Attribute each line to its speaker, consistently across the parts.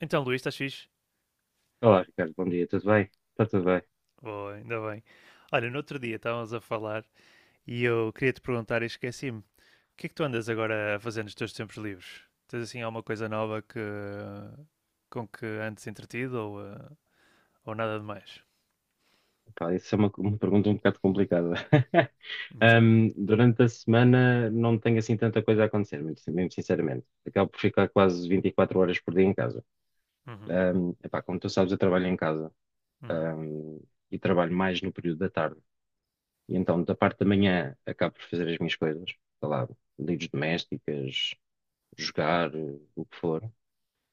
Speaker 1: Então, Luís, estás fixe?
Speaker 2: Olá, Ricardo, bom dia, tudo bem? Está tudo bem.
Speaker 1: Boa, ainda bem. Olha, no outro dia estávamos a falar e eu queria te perguntar e esqueci-me. O que é que tu andas agora a fazer nos teus tempos livres? Tens assim alguma coisa nova que com que antes entretido ou, ou nada de mais?
Speaker 2: Epá, isso é uma pergunta um bocado complicada.
Speaker 1: Então.
Speaker 2: Durante a semana não tenho assim tanta coisa a acontecer, muito, mesmo sinceramente. Acabo por ficar quase 24 horas por dia em casa.
Speaker 1: Uhum.
Speaker 2: Epá, como tu sabes, eu trabalho em casa,
Speaker 1: Uhum.
Speaker 2: ahm, e trabalho mais no período da tarde. E então, da parte da manhã, acabo por fazer as minhas coisas, sei lá, lides domésticas, jogar, o que for.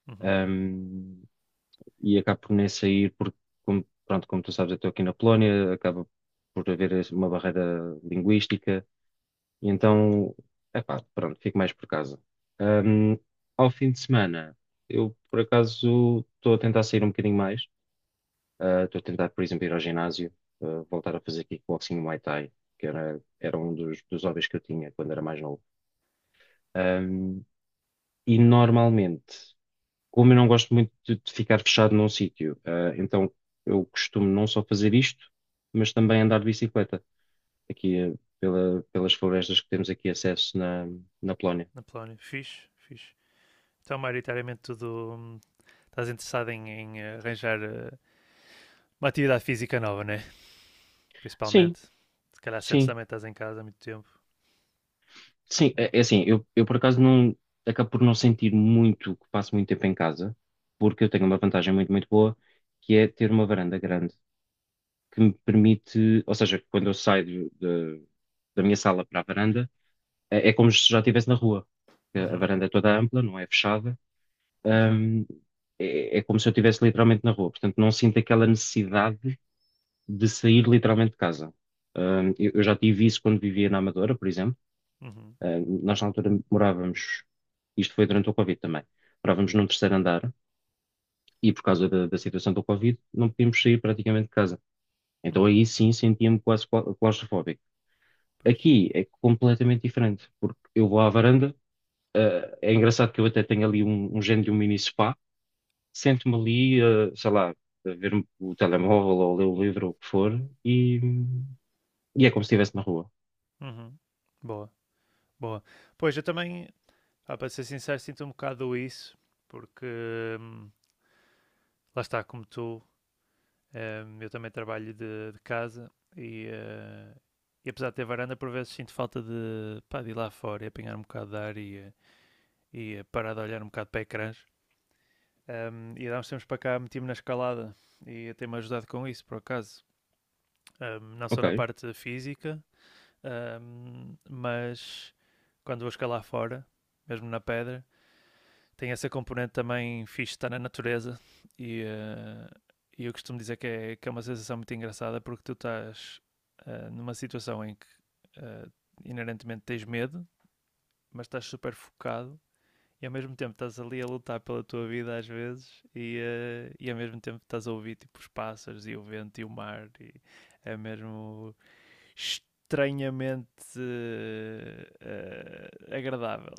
Speaker 1: Uhum.
Speaker 2: Ahm, e acabo por nem sair, porque, como, pronto, como tu sabes, eu estou aqui na Polónia, acaba por haver uma barreira linguística, e
Speaker 1: Uhum.
Speaker 2: então, epá, pronto, fico mais por casa. Ahm, ao fim de semana, eu, por acaso, estou a tentar sair um bocadinho mais. Estou a tentar, por exemplo, ir ao ginásio, voltar a fazer kickboxing e Muay Thai, que era um dos hobbies que eu tinha quando era mais novo. Ahm, e normalmente, como eu não gosto muito de ficar fechado num sítio, então eu costumo não só fazer isto, mas também andar de bicicleta aqui, pelas florestas que temos aqui acesso na Polónia.
Speaker 1: Na Polónia, fixe, fixe. Então, maioritariamente tudo. Estás interessado em arranjar uma atividade física nova, né?
Speaker 2: Sim,
Speaker 1: Principalmente. Se calhar sentes
Speaker 2: sim,
Speaker 1: também que estás em casa há muito tempo.
Speaker 2: sim.
Speaker 1: É.
Speaker 2: É assim, eu por acaso não acabo por não sentir muito que passo muito tempo em casa, porque eu tenho uma vantagem muito, muito boa, que é ter uma varanda grande que me permite, ou seja, quando eu saio de- da minha sala para a varanda. É como se já estivesse na rua. A
Speaker 1: Uhum.
Speaker 2: varanda é toda ampla, não é fechada.
Speaker 1: Uhum.
Speaker 2: Ahm, é como se eu estivesse literalmente na rua. Portanto, não sinto aquela necessidade de sair literalmente de casa. Eu já tive isso quando vivia na Amadora, por exemplo.
Speaker 1: Uhum.
Speaker 2: Nós na altura morávamos, isto foi durante o Covid também, morávamos num terceiro andar e por causa da situação do Covid não podíamos sair praticamente de casa. Então
Speaker 1: Uhum,
Speaker 2: aí sim sentia-me quase claustrofóbico.
Speaker 1: pois.
Speaker 2: Aqui é completamente diferente, porque eu vou à varanda, é engraçado que eu até tenho ali um género de um mini spa. Sento-me ali, sei lá, a ver o telemóvel ou ler o livro ou o que for e, e é como se estivesse na rua.
Speaker 1: Uhum. Boa, boa. Pois, eu também, ah, para ser sincero, sinto um bocado isso, porque hum, lá está, como tu, eu também trabalho de casa e, eh, e apesar de ter varanda, por vezes sinto falta de, pá, de ir lá fora e apanhar um bocado de ar e parar de olhar um bocado para ecrãs. E há uns tempos para cá meti-me na escalada e tem-me ajudado com isso, por acaso. Não só
Speaker 2: Ok,
Speaker 1: na parte física, mas quando vou escalar fora, mesmo na pedra, tem essa componente também fixe de estar na natureza e, eu costumo dizer que é, uma sensação muito engraçada porque tu estás numa situação em que eh, inerentemente tens medo, mas estás super focado e ao mesmo tempo estás ali a lutar pela tua vida às vezes e ao mesmo tempo estás a ouvir tipo os pássaros e o vento e o mar e é mesmo estranhamente agradável.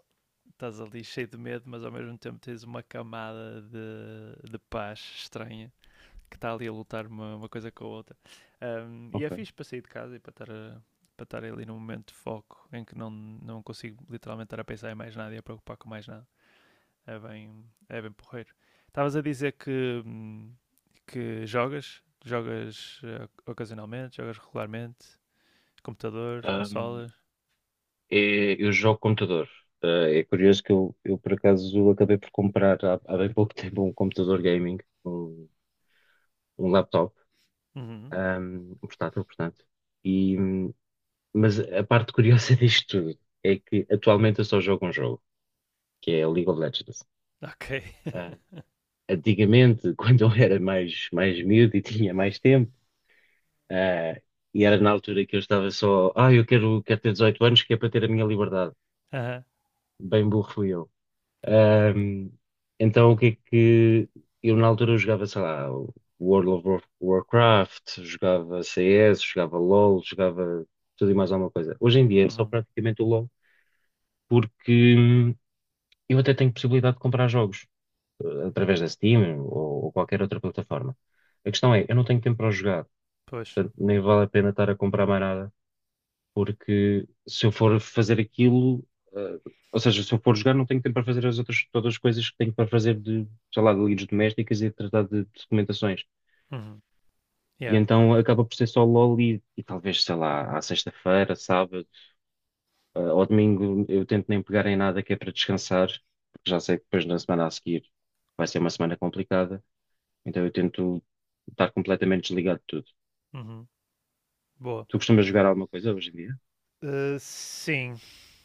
Speaker 1: Estás ali cheio de medo, mas ao mesmo tempo tens uma camada de paz estranha que está ali a lutar uma coisa com a outra. E é
Speaker 2: ok.
Speaker 1: fixe para sair de casa e para estar, para estar ali num momento de foco em que não consigo literalmente estar a pensar em mais nada e a preocupar com mais nada. É bem porreiro. Estavas a dizer que, que jogas ocasionalmente, jogas regularmente. Computador,
Speaker 2: Ahm,
Speaker 1: consolas.
Speaker 2: eu jogo computador. É curioso que eu, por acaso, acabei por comprar há bem pouco tempo um computador gaming, um, um laptop,
Speaker 1: Uhum.
Speaker 2: um portátil, portanto. E, mas a parte curiosa disto tudo é que atualmente eu só jogo um jogo, que é League of Legends.
Speaker 1: Ok.
Speaker 2: Antigamente, quando eu era mais miúdo e tinha mais tempo, ah, e era na altura que eu estava só, eu quero ter 18 anos, que é para ter a minha liberdade.
Speaker 1: Aham.
Speaker 2: Bem burro fui eu. Ahm, então, o que é que. Eu na altura eu jogava, sei lá, o World of Warcraft, jogava CS, jogava LOL, jogava tudo e mais alguma coisa. Hoje em dia é só
Speaker 1: Uhum.
Speaker 2: praticamente o LOL, porque eu até tenho possibilidade de comprar jogos, através da Steam ou qualquer outra plataforma. A questão é, eu não tenho tempo para o jogar,
Speaker 1: Pois.
Speaker 2: portanto, nem vale a pena estar a comprar mais nada, porque se eu for fazer aquilo, eh, ou seja, se eu for jogar, não tenho tempo para fazer as outras, todas as coisas que tenho para fazer de, sei lá, de lides domésticas e de tratar de documentações.
Speaker 1: Uhum.
Speaker 2: E
Speaker 1: Yeah.
Speaker 2: então acaba por ser só LOL e talvez, sei lá, à sexta-feira, sábado, ao domingo, eu tento nem pegar em nada que é para descansar, porque já sei que depois na semana a seguir vai ser uma semana complicada. Então eu tento estar completamente desligado de tudo.
Speaker 1: Uhum. Boa.
Speaker 2: Tu costumas jogar alguma coisa hoje em dia?
Speaker 1: Sim.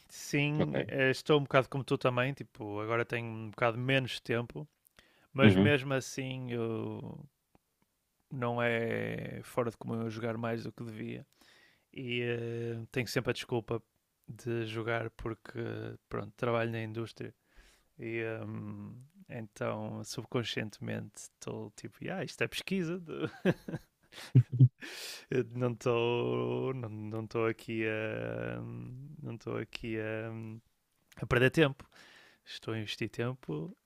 Speaker 1: Sim,
Speaker 2: Ok.
Speaker 1: estou um bocado como tu também, tipo, agora tenho um bocado menos tempo, mas
Speaker 2: Uhum.
Speaker 1: mesmo assim eu não é fora de comum eu jogar mais do que devia. E tenho sempre a desculpa de jogar porque, pronto, trabalho na indústria e então subconscientemente estou tipo, ah, isto é pesquisa, Eu não estou aqui a perder tempo. Estou a investir tempo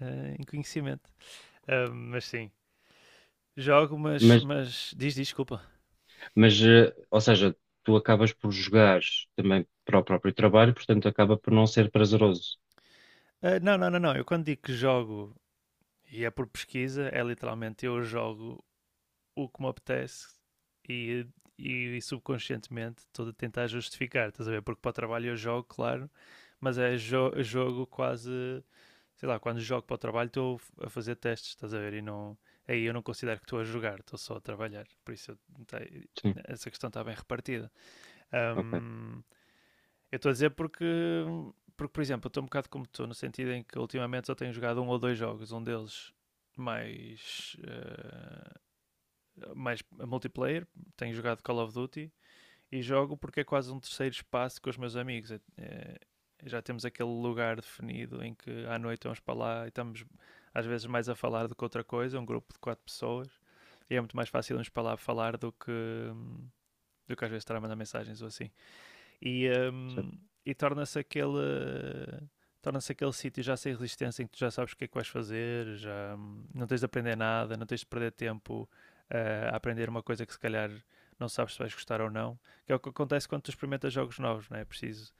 Speaker 1: em conhecimento. Ah, mas sim, jogo, mas,
Speaker 2: Mas,
Speaker 1: mas diz desculpa.
Speaker 2: mas, ou seja, tu acabas por jogar também para o próprio trabalho, portanto acaba por não ser prazeroso.
Speaker 1: Ah, não, não, não, não. Eu quando digo que jogo e é por pesquisa, é literalmente eu jogo o que me apetece e, e subconscientemente estou a tentar justificar, estás a ver? Porque para o trabalho eu jogo, claro, mas é jo jogo quase sei lá, quando jogo para o trabalho estou a fazer testes, estás a ver? E não, aí eu não considero que estou a jogar, estou só a trabalhar. Por isso eu, tá,
Speaker 2: Sim,
Speaker 1: essa questão está bem repartida.
Speaker 2: ok.
Speaker 1: Hum, eu estou a dizer porque, por exemplo, eu estou um bocado como estou, no sentido em que ultimamente só tenho jogado um ou dois jogos, um deles mais, uh, mais multiplayer, tenho jogado Call of Duty e jogo porque é quase um terceiro espaço com os meus amigos. Já temos aquele lugar definido em que à noite vamos para lá e estamos às vezes mais a falar do que outra coisa, um grupo de quatro pessoas. E é muito mais fácil irmos para lá falar do que, do que às vezes estar a mandar mensagens ou assim e, hum,
Speaker 2: Certo.
Speaker 1: e torna-se aquele sítio já sem resistência em que tu já sabes o que é que vais fazer, já não tens de aprender nada, não tens de perder tempo a aprender uma coisa que se calhar não sabes se vais gostar ou não, que é o que acontece quando tu experimentas jogos novos, não é? É preciso,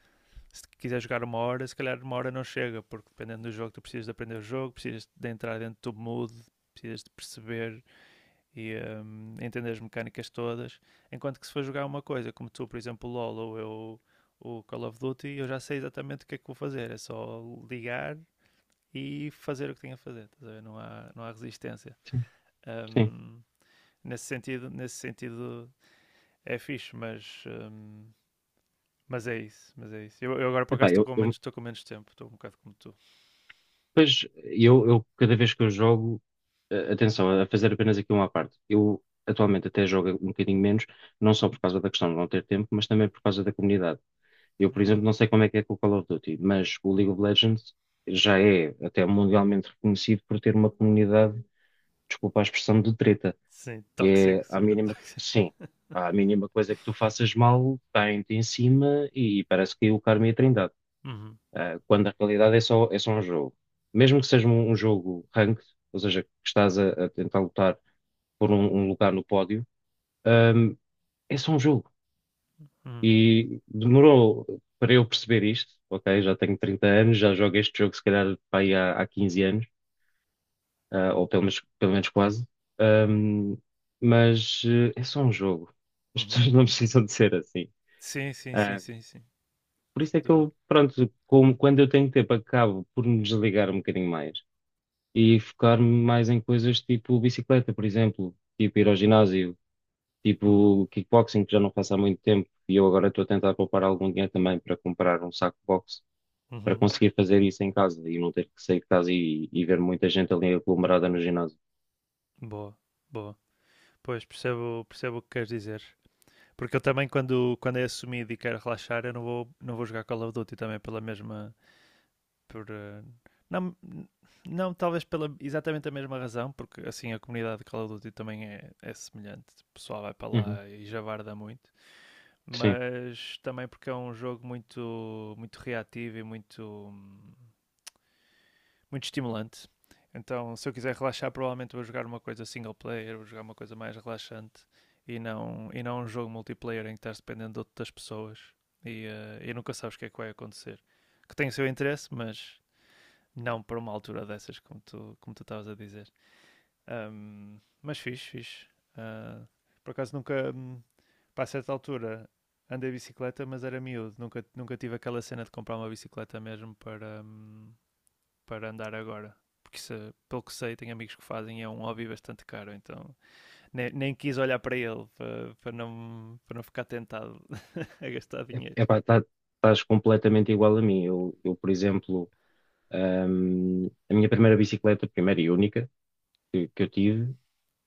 Speaker 1: se quiser jogar uma hora, se calhar uma hora não chega, porque dependendo do jogo tu precisas de aprender o jogo, precisas de entrar dentro do mood, precisas de perceber e entender as mecânicas todas. Enquanto que se for jogar uma coisa, como tu, por exemplo, o LoL ou eu, o Call of Duty, eu já sei exatamente o que é que vou fazer. É só ligar e fazer o que tenho a fazer. Não há resistência.
Speaker 2: Sim, sim.
Speaker 1: Hum, nesse sentido é fixe, mas é isso. Mas é isso. Eu agora por
Speaker 2: Epá,
Speaker 1: acaso
Speaker 2: eu, eu,
Speaker 1: estou com menos tempo, estou um bocado como tu.
Speaker 2: pois, eu cada vez que eu jogo, atenção, a fazer apenas aqui uma à parte. Eu atualmente até jogo um bocadinho menos, não só por causa da questão de não ter tempo, mas também por causa da comunidade. Eu, por
Speaker 1: Uhum.
Speaker 2: exemplo, não sei como é que é com o Call of Duty, mas o League of Legends já é até mundialmente reconhecido por ter uma comunidade, desculpa a expressão, de treta.
Speaker 1: Sim,
Speaker 2: E é
Speaker 1: tóxico,
Speaker 2: à
Speaker 1: super
Speaker 2: mínima,
Speaker 1: tóxico.
Speaker 2: sim, à mínima coisa que tu faças mal, caem-te em cima e parece que é o Karma e a Trindade.
Speaker 1: Uhum.
Speaker 2: Quando na realidade é só um jogo. Mesmo que seja um jogo ranked, ou seja, que estás a tentar lutar por um lugar no pódio, ahm, é só um jogo.
Speaker 1: Uhum.
Speaker 2: E demorou para eu perceber isto, ok? Já tenho 30 anos, já jogo este jogo se calhar pá, aí há 15 anos, ou pelo menos quase. Ahm, mas é só um jogo. As
Speaker 1: Uhum.
Speaker 2: pessoas não precisam de ser assim.
Speaker 1: Sim, sim, sim,
Speaker 2: Ah,
Speaker 1: sim, sim.
Speaker 2: por isso é
Speaker 1: Sem
Speaker 2: que
Speaker 1: dúvida.
Speaker 2: eu, pronto, como quando eu tenho tempo, acabo por me desligar um bocadinho mais e focar-me mais em coisas tipo bicicleta, por exemplo, tipo ir ao ginásio,
Speaker 1: Uhum.
Speaker 2: tipo kickboxing, que já não faço há muito tempo, e eu agora estou a tentar poupar algum dinheiro também para comprar um saco box para
Speaker 1: Uhum.
Speaker 2: conseguir fazer isso em casa e não ter que sair de casa e ver muita gente ali aglomerada no ginásio.
Speaker 1: Boa, boa. Pois, percebo, percebo o que queres dizer. Porque eu também, quando é assumido e quero relaxar, eu não vou, não vou jogar Call of Duty também pela mesma. Por, não, não, talvez pela exatamente a mesma razão, porque assim a comunidade de Call of Duty também é semelhante. O pessoal vai para
Speaker 2: Uhum.
Speaker 1: lá e javarda muito.
Speaker 2: Sim.
Speaker 1: Mas também porque é um jogo muito, muito reativo e muito estimulante. Então, se eu quiser relaxar, provavelmente vou jogar uma coisa single player, vou jogar uma coisa mais relaxante e não um jogo multiplayer em que estás dependendo de outras pessoas e nunca sabes o que é que vai acontecer. Que tem o seu interesse, mas não para uma altura dessas, como tu estavas a dizer. Mas fixe, fixe. Uh, por acaso nunca, para certa altura, andei bicicleta, mas era miúdo. Nunca, nunca tive aquela cena de comprar uma bicicleta mesmo para, para andar agora. Porque isso, pelo que sei, tenho amigos que fazem é um hobby bastante caro, então nem, nem quis olhar para ele para, para não ficar tentado de dinheiro.
Speaker 2: Epá, tá, estás completamente igual a mim. Eu, por exemplo, a minha primeira bicicleta, primeira e única que eu tive,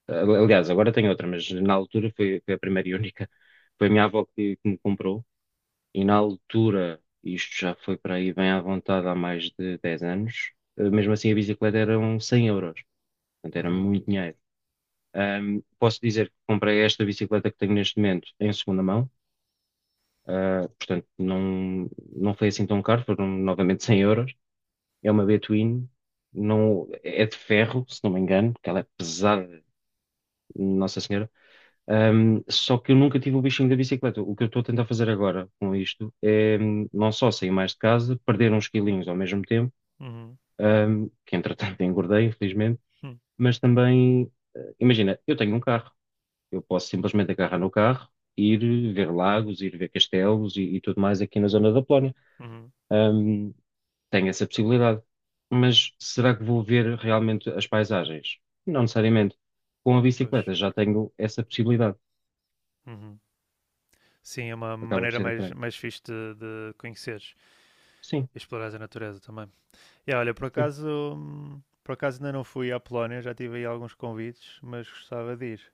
Speaker 2: aliás, agora tenho outra, mas na altura foi a primeira e única, foi a minha avó que me comprou. E na altura, isto já foi para aí bem à vontade há mais de 10 anos, mesmo assim a bicicleta eram 100 euros. Portanto, era
Speaker 1: Uhum.
Speaker 2: muito dinheiro. Posso dizer que comprei esta bicicleta que tenho neste momento em segunda mão, portanto, não, não foi assim tão caro, foram novamente 100 euros. É uma B-Twin, não, é de ferro, se não me engano, porque ela é pesada. Nossa Senhora. Só que eu nunca tive o bichinho da bicicleta. O que eu estou a tentar fazer agora com isto é não só sair mais de casa, perder uns quilinhos ao mesmo tempo,
Speaker 1: Uhum.
Speaker 2: que entretanto engordei, infelizmente,
Speaker 1: Uhum.
Speaker 2: mas também, imagina, eu tenho um carro. Eu posso simplesmente agarrar no carro, ir ver lagos, ir ver castelos e tudo mais aqui na zona da Polónia.
Speaker 1: Uhum,
Speaker 2: Ahm, tenho essa possibilidade. Mas será que vou ver realmente as paisagens? Não necessariamente. Com a
Speaker 1: pois.
Speaker 2: bicicleta já tenho essa possibilidade.
Speaker 1: Uhum. Sim, é uma
Speaker 2: Acaba por
Speaker 1: maneira
Speaker 2: ser
Speaker 1: mais,
Speaker 2: diferente.
Speaker 1: mais fixe de conheceres
Speaker 2: Sim,
Speaker 1: e explorares a natureza também. E olha, por
Speaker 2: sim.
Speaker 1: acaso, por acaso ainda não fui à Polónia, já tive aí alguns convites, mas gostava de ir.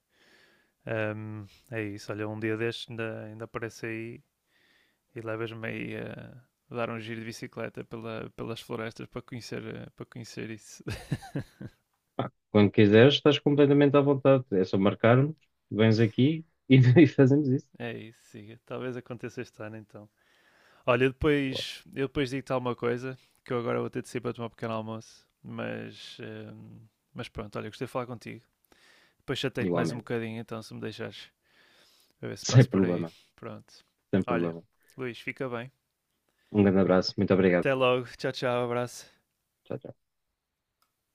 Speaker 1: Hum, É isso, olha, um dia destes ainda aparece aí e levas-me aí a dar um giro de bicicleta pelas florestas para conhecer isso.
Speaker 2: Pá, quando quiseres, estás completamente à vontade. É só marcar-nos, vens aqui e, e fazemos isso.
Speaker 1: É isso, siga. Talvez aconteça este ano então. Olha, depois, eu depois digo-te alguma coisa, que eu agora vou ter de sair para tomar um pequeno almoço, mas pronto, olha, gostei de falar contigo. Depois chatei-te mais um
Speaker 2: Igualmente.
Speaker 1: bocadinho então, se me deixares, a ver se
Speaker 2: Sem
Speaker 1: passo por aí.
Speaker 2: problema,
Speaker 1: Pronto.
Speaker 2: sem
Speaker 1: Olha,
Speaker 2: problema.
Speaker 1: Luís, fica bem.
Speaker 2: Um grande abraço, muito obrigado.
Speaker 1: Até logo. Tchau, tchau. Abraço.
Speaker 2: Tchau, tchau.